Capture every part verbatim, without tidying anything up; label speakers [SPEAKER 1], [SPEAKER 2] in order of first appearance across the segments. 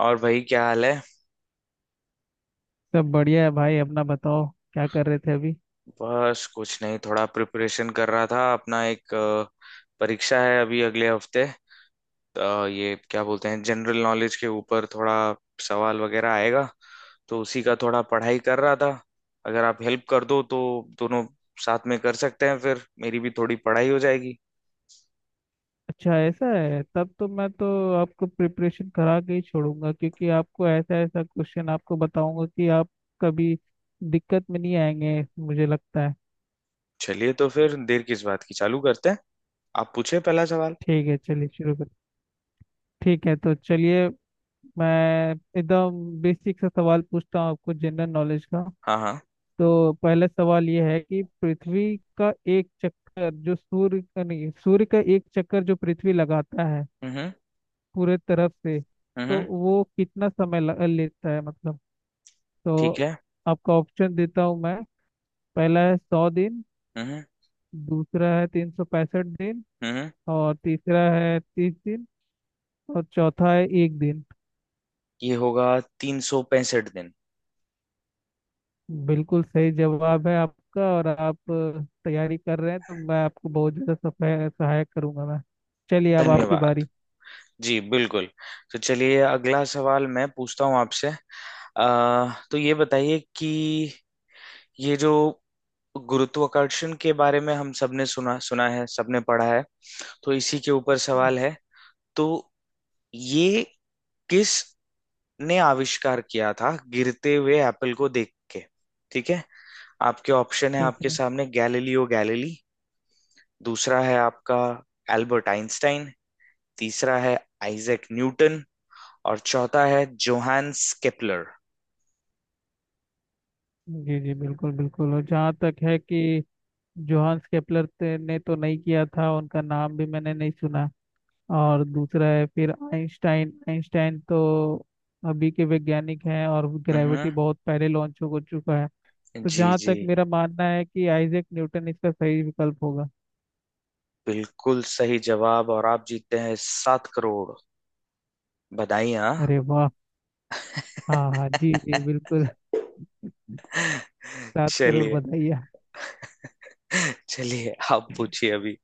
[SPEAKER 1] और भाई क्या हाल है?
[SPEAKER 2] सब बढ़िया है भाई। अपना बताओ क्या कर रहे थे अभी।
[SPEAKER 1] बस कुछ नहीं, थोड़ा प्रिपरेशन कर रहा था अपना एक अ, परीक्षा है अभी अगले हफ्ते। तो ये क्या बोलते हैं, जनरल नॉलेज के ऊपर थोड़ा सवाल वगैरह आएगा। तो उसी का थोड़ा पढ़ाई कर रहा था। अगर आप हेल्प कर दो तो दोनों साथ में कर सकते हैं, फिर मेरी भी थोड़ी पढ़ाई हो जाएगी।
[SPEAKER 2] अच्छा ऐसा है, तब तो मैं तो आपको प्रिपरेशन करा के ही छोड़ूंगा, क्योंकि आपको ऐसा ऐसा क्वेश्चन आपको बताऊंगा कि आप कभी दिक्कत में नहीं आएंगे, मुझे लगता है।
[SPEAKER 1] चलिए तो फिर देर किस बात की, चालू करते हैं। आप पूछे पहला सवाल।
[SPEAKER 2] ठीक है चलिए शुरू कर। ठीक है तो चलिए, मैं एकदम बेसिक सा सवाल पूछता हूँ आपको जनरल नॉलेज का।
[SPEAKER 1] हाँ हाँ।
[SPEAKER 2] तो पहला सवाल ये है कि पृथ्वी का एक चक्कर जो सूर्य का, नहीं, सूर्य का एक चक्कर जो पृथ्वी लगाता है
[SPEAKER 1] हम्म हम्म।
[SPEAKER 2] पूरे तरफ से,
[SPEAKER 1] हम्म, हम्म।
[SPEAKER 2] तो वो कितना समय ल- लेता है मतलब।
[SPEAKER 1] ठीक
[SPEAKER 2] तो
[SPEAKER 1] है।
[SPEAKER 2] आपका ऑप्शन देता हूँ मैं। पहला है सौ दिन।
[SPEAKER 1] हम्म
[SPEAKER 2] दूसरा है तीन सौ पैंसठ दिन।
[SPEAKER 1] हम्म। हम्म।
[SPEAKER 2] और तीसरा है तीस दिन। और चौथा है एक दिन।
[SPEAKER 1] ये होगा तीन सौ पैंसठ दिन।
[SPEAKER 2] बिल्कुल सही जवाब है आपका। और आप अ, तैयारी कर रहे हैं, तो मैं आपको बहुत ज़्यादा सफाय- सहायक करूंगा मैं। चलिए अब आपकी
[SPEAKER 1] धन्यवाद।
[SPEAKER 2] बारी।
[SPEAKER 1] जी बिल्कुल। तो चलिए अगला सवाल मैं पूछता हूँ आपसे अ, तो ये बताइए कि ये जो गुरुत्वाकर्षण के बारे में हम सबने सुना सुना है, सबने पढ़ा है। तो इसी के ऊपर सवाल है। तो ये किस ने आविष्कार किया था गिरते हुए एप्पल को देख के? ठीक है। आपके ऑप्शन है
[SPEAKER 2] ठीक
[SPEAKER 1] आपके
[SPEAKER 2] है।
[SPEAKER 1] सामने गैलीलियो गैलीली। दूसरा है आपका एल्बर्ट आइंस्टाइन। तीसरा है आइजैक न्यूटन। और चौथा है जोहान्स केपलर।
[SPEAKER 2] जी जी बिल्कुल बिल्कुल। और जहाँ तक है कि जोहान्स केपलर ते- ने तो नहीं किया था, उनका नाम भी मैंने नहीं सुना। और दूसरा है फिर आइंस्टाइन। आइंस्टाइन तो अभी के वैज्ञानिक हैं, और ग्रेविटी
[SPEAKER 1] हम्म।
[SPEAKER 2] बहुत पहले लॉन्च हो चुका है। तो
[SPEAKER 1] जी
[SPEAKER 2] जहाँ
[SPEAKER 1] जी
[SPEAKER 2] तक मेरा मानना है कि आइजैक न्यूटन इसका सही विकल्प होगा।
[SPEAKER 1] बिल्कुल सही जवाब, और आप जीतते हैं सात करोड़। बधाई हाँ।
[SPEAKER 2] अरे वाह! हाँ हाँ जी जी बिल्कुल। सात करोड़?
[SPEAKER 1] चलिए,
[SPEAKER 2] बताइए।
[SPEAKER 1] चलिए आप पूछिए अभी।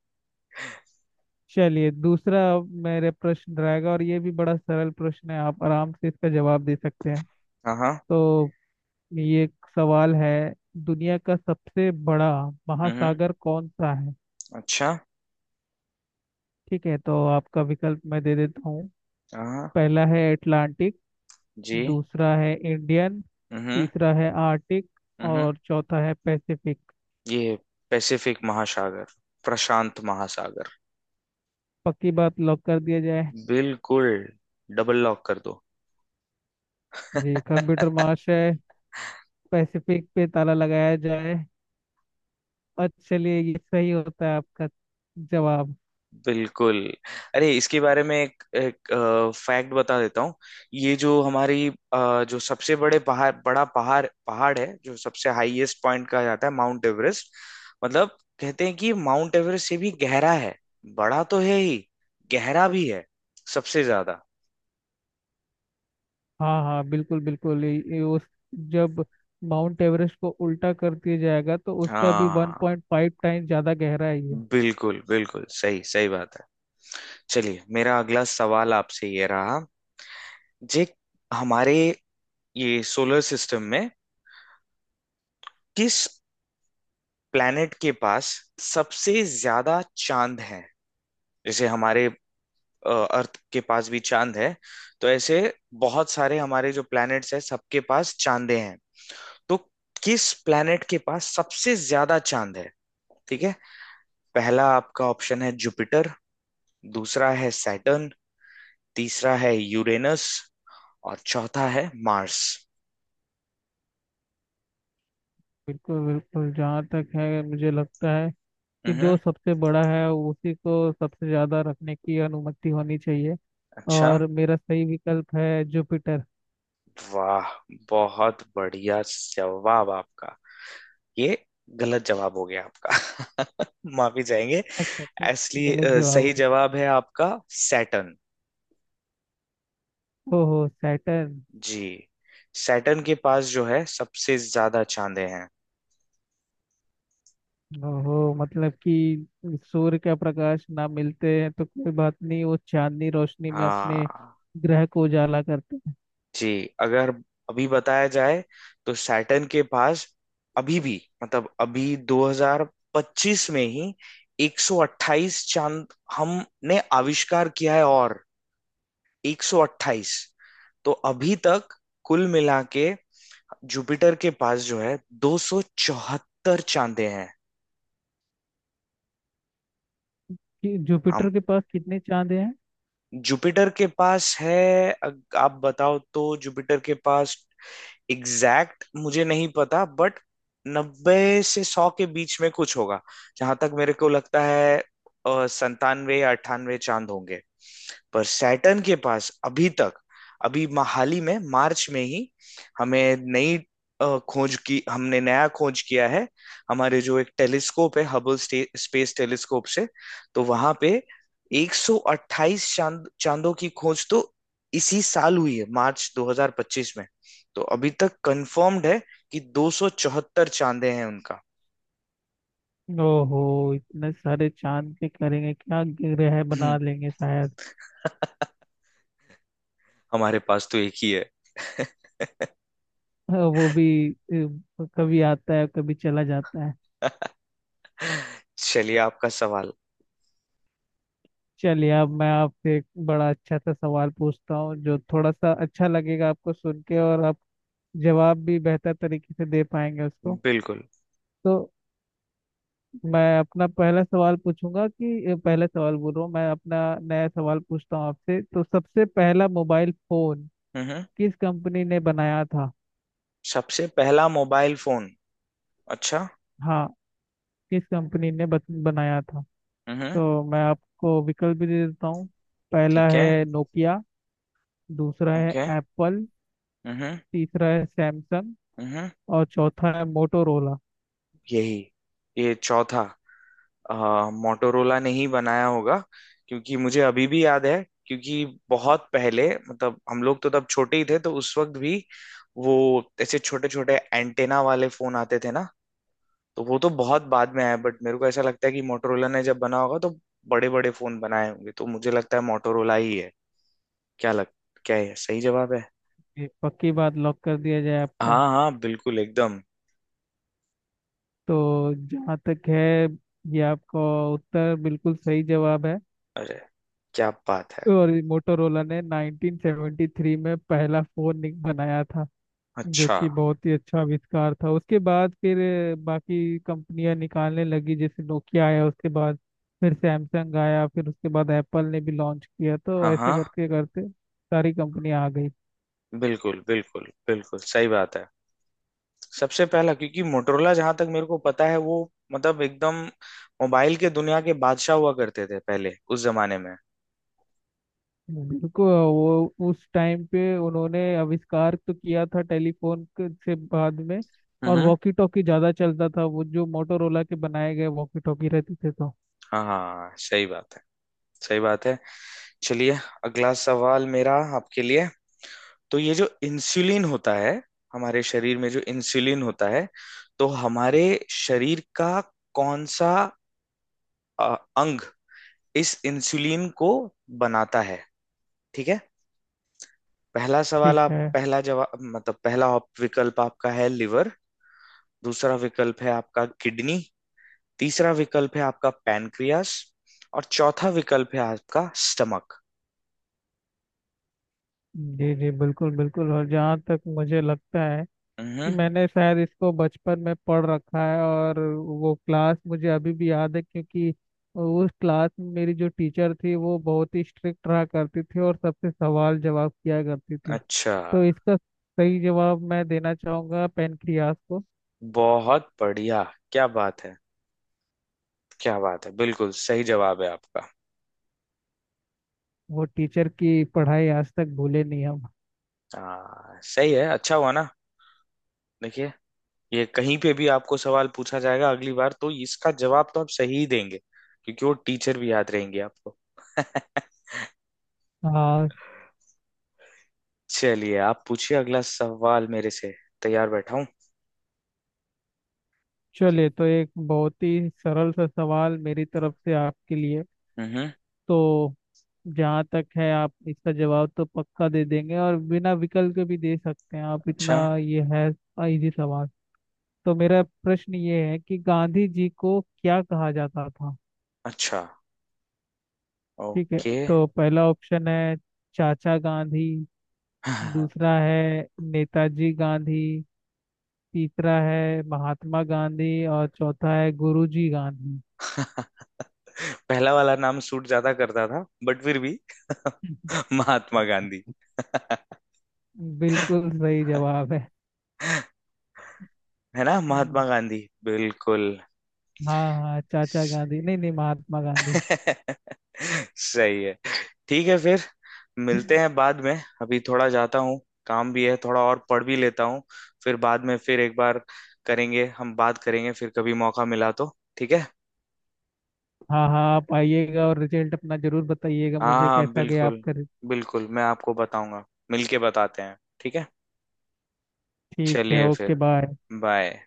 [SPEAKER 2] चलिए, दूसरा मेरे प्रश्न रहेगा, और ये भी बड़ा सरल प्रश्न है, आप आराम से इसका जवाब दे सकते हैं।
[SPEAKER 1] हाँ हाँ।
[SPEAKER 2] तो ये एक सवाल है। दुनिया का सबसे बड़ा
[SPEAKER 1] हम्म।
[SPEAKER 2] महासागर कौन सा है?
[SPEAKER 1] अच्छा।
[SPEAKER 2] ठीक है, तो आपका विकल्प मैं दे देता हूँ।
[SPEAKER 1] हाँ।
[SPEAKER 2] पहला है अटलांटिक।
[SPEAKER 1] जी।
[SPEAKER 2] दूसरा है इंडियन।
[SPEAKER 1] हम्म।
[SPEAKER 2] तीसरा है आर्टिक।
[SPEAKER 1] हम्म।
[SPEAKER 2] और चौथा है पैसिफिक।
[SPEAKER 1] ये पैसिफिक महासागर, प्रशांत महासागर।
[SPEAKER 2] पक्की बात, लॉक कर दिया जाए?
[SPEAKER 1] बिल्कुल। डबल लॉक कर दो।
[SPEAKER 2] जी कंप्यूटर महाश है, पैसिफिक पे ताला लगाया जाए। और चलिए, ये सही होता है आपका जवाब।
[SPEAKER 1] बिल्कुल। अरे इसके बारे में एक, एक फैक्ट बता देता हूँ। ये जो हमारी अ, जो सबसे बड़े पहाड़ बड़ा पहाड़ पहाड़ है, जो सबसे हाईएस्ट पॉइंट कहा जाता है, माउंट एवरेस्ट। मतलब कहते हैं कि माउंट एवरेस्ट से भी गहरा है। बड़ा तो है ही, गहरा भी है सबसे ज्यादा।
[SPEAKER 2] हाँ हाँ बिल्कुल बिल्कुल। ये- ये उस, जब माउंट एवरेस्ट को उल्टा कर दिया जाएगा तो उसका भी
[SPEAKER 1] हाँ
[SPEAKER 2] वन पॉइंट फ़ाइव टाइम ज़्यादा गहरा है ये।
[SPEAKER 1] बिल्कुल, बिल्कुल सही सही बात है। चलिए मेरा अगला सवाल आपसे ये रहा। जे हमारे ये सोलर सिस्टम में किस प्लैनेट के पास सबसे ज्यादा चांद हैं? जैसे हमारे अ, अर्थ के पास भी चांद है। तो ऐसे बहुत सारे हमारे जो प्लैनेट्स हैं सबके पास चांदे हैं। तो किस प्लैनेट के पास सबसे ज्यादा चांद है? ठीक है। पहला आपका ऑप्शन है जुपिटर। दूसरा है सैटर्न। तीसरा है यूरेनस। और चौथा है मार्स।
[SPEAKER 2] बिल्कुल बिल्कुल, जहाँ तक है मुझे लगता है कि जो
[SPEAKER 1] हम्म।
[SPEAKER 2] सबसे बड़ा है उसी को सबसे ज्यादा रखने की अनुमति होनी चाहिए।
[SPEAKER 1] अच्छा।
[SPEAKER 2] और मेरा सही विकल्प है जुपिटर।
[SPEAKER 1] वाह, बहुत बढ़िया जवाब आपका। ये गलत जवाब हो गया आपका। माफी जाएंगे।
[SPEAKER 2] अच्छा अच्छा।
[SPEAKER 1] असली
[SPEAKER 2] गलत
[SPEAKER 1] अ,
[SPEAKER 2] जवाब हो
[SPEAKER 1] सही
[SPEAKER 2] गया।
[SPEAKER 1] जवाब है आपका सैटर्न।
[SPEAKER 2] ओहो, सैटर्न।
[SPEAKER 1] जी। सैटर्न के पास जो है सबसे ज्यादा चांदे हैं।
[SPEAKER 2] ओहो, मतलब कि सूर्य का प्रकाश ना मिलते हैं तो कोई बात नहीं, वो चांदनी रोशनी में अपने
[SPEAKER 1] हाँ।
[SPEAKER 2] ग्रह को उजाला करते हैं।
[SPEAKER 1] जी। अगर अभी बताया जाए तो सैटर्न के पास अभी भी, मतलब अभी दो हज़ार पच्चीस में ही एक सौ अट्ठाईस चांद हमने आविष्कार किया है। और एक सौ अट्ठाईस तो अभी तक कुल मिला के जुपिटर के पास जो है दो सौ चौहत्तर चांदे हैं।
[SPEAKER 2] कि
[SPEAKER 1] हम।
[SPEAKER 2] जुपिटर के पास कितने चांद हैं?
[SPEAKER 1] जुपिटर के पास है अग- आप बताओ, तो जुपिटर के पास एग्जैक्ट मुझे नहीं पता, बट नब्बे से सौ के बीच में कुछ होगा। जहां तक मेरे को लगता है संतानवे या अट्ठानवे चांद होंगे। पर सैटर्न के पास अभी तक, अभी मा- हाल ही में मार्च में ही हमें नई अ, खोज की, हमने नया खोज किया है। हमारे जो एक टेलीस्कोप है, हबल स्पेस टेलीस्कोप से। तो वहां पे एक सौ अट्ठाईस चांद चांदों की खोज तो इसी साल हुई है, मार्च दो हज़ार पच्चीस। तो अभी तक कंफर्म्ड है कि दो सौ चौहत्तर चांदे हैं उनका।
[SPEAKER 2] ओहो, इतने सारे चांद पे करेंगे क्या, ग्रह बना लेंगे शायद।
[SPEAKER 1] हमारे पास तो एक ही है।
[SPEAKER 2] हाँ, वो भी अ, कभी आता है कभी चला जाता है।
[SPEAKER 1] चलिए आपका सवाल।
[SPEAKER 2] चलिए, अब मैं आपसे एक बड़ा अच्छा सा सवाल पूछता हूँ, जो थोड़ा सा अच्छा लगेगा आपको सुन के, और आप जवाब भी बेहतर तरीके से दे पाएंगे उसको।
[SPEAKER 1] बिल्कुल।
[SPEAKER 2] तो मैं अपना पहला सवाल पूछूंगा, कि पहला सवाल बोल रहा हूँ, मैं अपना नया सवाल पूछता हूँ आपसे। तो सबसे पहला मोबाइल फोन
[SPEAKER 1] हम्म।
[SPEAKER 2] किस कंपनी ने बनाया था?
[SPEAKER 1] सबसे पहला मोबाइल फोन। अच्छा।
[SPEAKER 2] हाँ, किस कंपनी ने बत- बनाया था?
[SPEAKER 1] हम्म।
[SPEAKER 2] तो मैं आपको विकल्प भी दे देता हूँ। पहला
[SPEAKER 1] ठीक है।
[SPEAKER 2] है नोकिया। दूसरा है
[SPEAKER 1] ओके।
[SPEAKER 2] एप्पल।
[SPEAKER 1] हम्म।
[SPEAKER 2] तीसरा है सैमसंग।
[SPEAKER 1] हम्म।
[SPEAKER 2] और चौथा है मोटोरोला।
[SPEAKER 1] यही, ये चौथा मोटोरोला ने ही बनाया होगा, क्योंकि मुझे अभी भी याद है। क्योंकि बहुत पहले, मतलब हम लोग तो तब छोटे ही थे, तो उस वक्त भी वो ऐसे छोटे छोटे एंटेना वाले फोन आते थे ना। तो वो तो बहुत बाद में आया, बट मेरे को ऐसा लगता है कि मोटोरोला ने जब बना होगा तो बड़े बड़े फोन बनाए होंगे। तो मुझे लगता है मोटोरोला ही है। क्या लग क्या है सही जवाब है?
[SPEAKER 2] ये पक्की बात, लॉक कर दिया जाए आपका?
[SPEAKER 1] हाँ हाँ बिल्कुल एकदम।
[SPEAKER 2] तो जहाँ तक है, ये आपका उत्तर बिल्कुल सही जवाब है।
[SPEAKER 1] अरे क्या बात है।
[SPEAKER 2] और मोटोरोला ने नाइनटीन सेवेंटी थ्री में पहला फोन निक- बनाया था, जो
[SPEAKER 1] अच्छा।
[SPEAKER 2] कि बहुत ही अच्छा आविष्कार था। उसके बाद फिर अ, बाकी कंपनियां निकालने लगी। जैसे नोकिया आया उसके बाद, फिर सैमसंग आया, फिर उसके बाद एप्पल ने भी लॉन्च किया, तो
[SPEAKER 1] हाँ
[SPEAKER 2] ऐसे
[SPEAKER 1] हाँ
[SPEAKER 2] करके करते सारी कंपनियां आ गई।
[SPEAKER 1] बिल्कुल, बिल्कुल बिल्कुल सही बात है। सबसे पहला, क्योंकि मोटरोला, जहां तक मेरे को पता है, वो मतलब एकदम मोबाइल के दुनिया के बादशाह हुआ करते थे पहले उस जमाने में।
[SPEAKER 2] बिल्कुल, वो उस टाइम पे उन्होंने आविष्कार तो किया था टेलीफोन के- से, बाद में। और
[SPEAKER 1] हम्म।
[SPEAKER 2] वॉकी टॉकी ज्यादा चलता था, वो जो मोटोरोला के बनाए गए वॉकी टॉकी रहते थे तो।
[SPEAKER 1] हाँ हाँ सही बात है, सही बात है। चलिए अगला सवाल मेरा आपके लिए। तो ये जो इंसुलिन होता है, हमारे शरीर में जो इंसुलिन होता है, तो हमारे शरीर का कौन सा अ, अंग इस इंसुलिन को बनाता है? ठीक है। पहला सवाल
[SPEAKER 2] ठीक
[SPEAKER 1] आप,
[SPEAKER 2] है।
[SPEAKER 1] पहला जवाब, मतलब पहला ऑप- विकल्प आपका है लिवर। दूसरा विकल्प है आपका किडनी। तीसरा विकल्प है आपका पैनक्रियास। और चौथा विकल्प है आपका स्टमक।
[SPEAKER 2] जी जी बिल्कुल बिल्कुल। और जहाँ तक मुझे लगता है कि
[SPEAKER 1] हम्म।
[SPEAKER 2] मैंने शायद इसको बचपन में पढ़ रखा है, और वो क्लास मुझे अभी भी याद है, क्योंकि उस क्लास में मेरी जो टीचर थी वो बहुत ही स्ट्रिक्ट रहा करती थी, और सबसे सवाल जवाब किया करती थी।
[SPEAKER 1] अच्छा।
[SPEAKER 2] तो इसका सही जवाब मैं देना चाहूंगा पेनक्रियास को।
[SPEAKER 1] बहुत बढ़िया, क्या बात है, क्या बात है, बिल्कुल सही जवाब है आपका।
[SPEAKER 2] वो टीचर की पढ़ाई आज तक भूले नहीं हम।
[SPEAKER 1] हाँ सही है, अच्छा हुआ ना। देखिए ये कहीं पे भी आपको सवाल पूछा जाएगा अगली बार, तो इसका जवाब तो आप सही ही देंगे, क्योंकि वो टीचर भी याद रहेंगे आपको।
[SPEAKER 2] हाँ।
[SPEAKER 1] चलिए आप पूछिए अगला सवाल मेरे से। तैयार बैठा हूँ।
[SPEAKER 2] चलिए तो एक बहुत ही सरल सा सवाल मेरी तरफ से आपके लिए।
[SPEAKER 1] हम्म।
[SPEAKER 2] तो जहाँ तक है आप इसका जवाब तो पक्का दे देंगे, और बिना विकल्प के भी दे सकते हैं आप, इतना
[SPEAKER 1] अच्छा
[SPEAKER 2] ये है इजी सवाल। तो मेरा प्रश्न ये है कि गांधी जी को क्या कहा जाता था?
[SPEAKER 1] अच्छा।
[SPEAKER 2] ठीक है।
[SPEAKER 1] ओके।
[SPEAKER 2] तो पहला ऑप्शन है चाचा गांधी। दूसरा है नेताजी गांधी। तीसरा है महात्मा गांधी। और चौथा है गुरुजी गांधी।
[SPEAKER 1] पहला वाला नाम सूट ज्यादा करता था, बट फिर भी महात्मा गांधी।
[SPEAKER 2] बिल्कुल सही जवाब है।
[SPEAKER 1] है ना,
[SPEAKER 2] हम्म,
[SPEAKER 1] महात्मा गांधी। बिल्कुल।
[SPEAKER 2] हाँ हाँ। चाचा गांधी
[SPEAKER 1] सही।
[SPEAKER 2] नहीं नहीं, महात्मा गांधी।
[SPEAKER 1] सही है। ठीक है फिर, मिलते हैं बाद में। अभी थोड़ा जाता हूँ, काम भी है थोड़ा और पढ़ भी लेता हूँ। फिर बाद में फिर एक बार करेंगे, हम बात करेंगे फिर कभी मौका मिला तो। ठीक है।
[SPEAKER 2] हाँ हाँ आप आइएगा, और रिजल्ट अपना जरूर बताइएगा
[SPEAKER 1] हाँ
[SPEAKER 2] मुझे
[SPEAKER 1] हाँ,
[SPEAKER 2] कैसा गया
[SPEAKER 1] बिल्कुल।
[SPEAKER 2] आपका।
[SPEAKER 1] बिल्कुल मैं आपको बताऊंगा। मिलके बताते हैं, ठीक है।
[SPEAKER 2] ठीक है,
[SPEAKER 1] चलिए फिर,
[SPEAKER 2] ओके बाय।
[SPEAKER 1] बाय।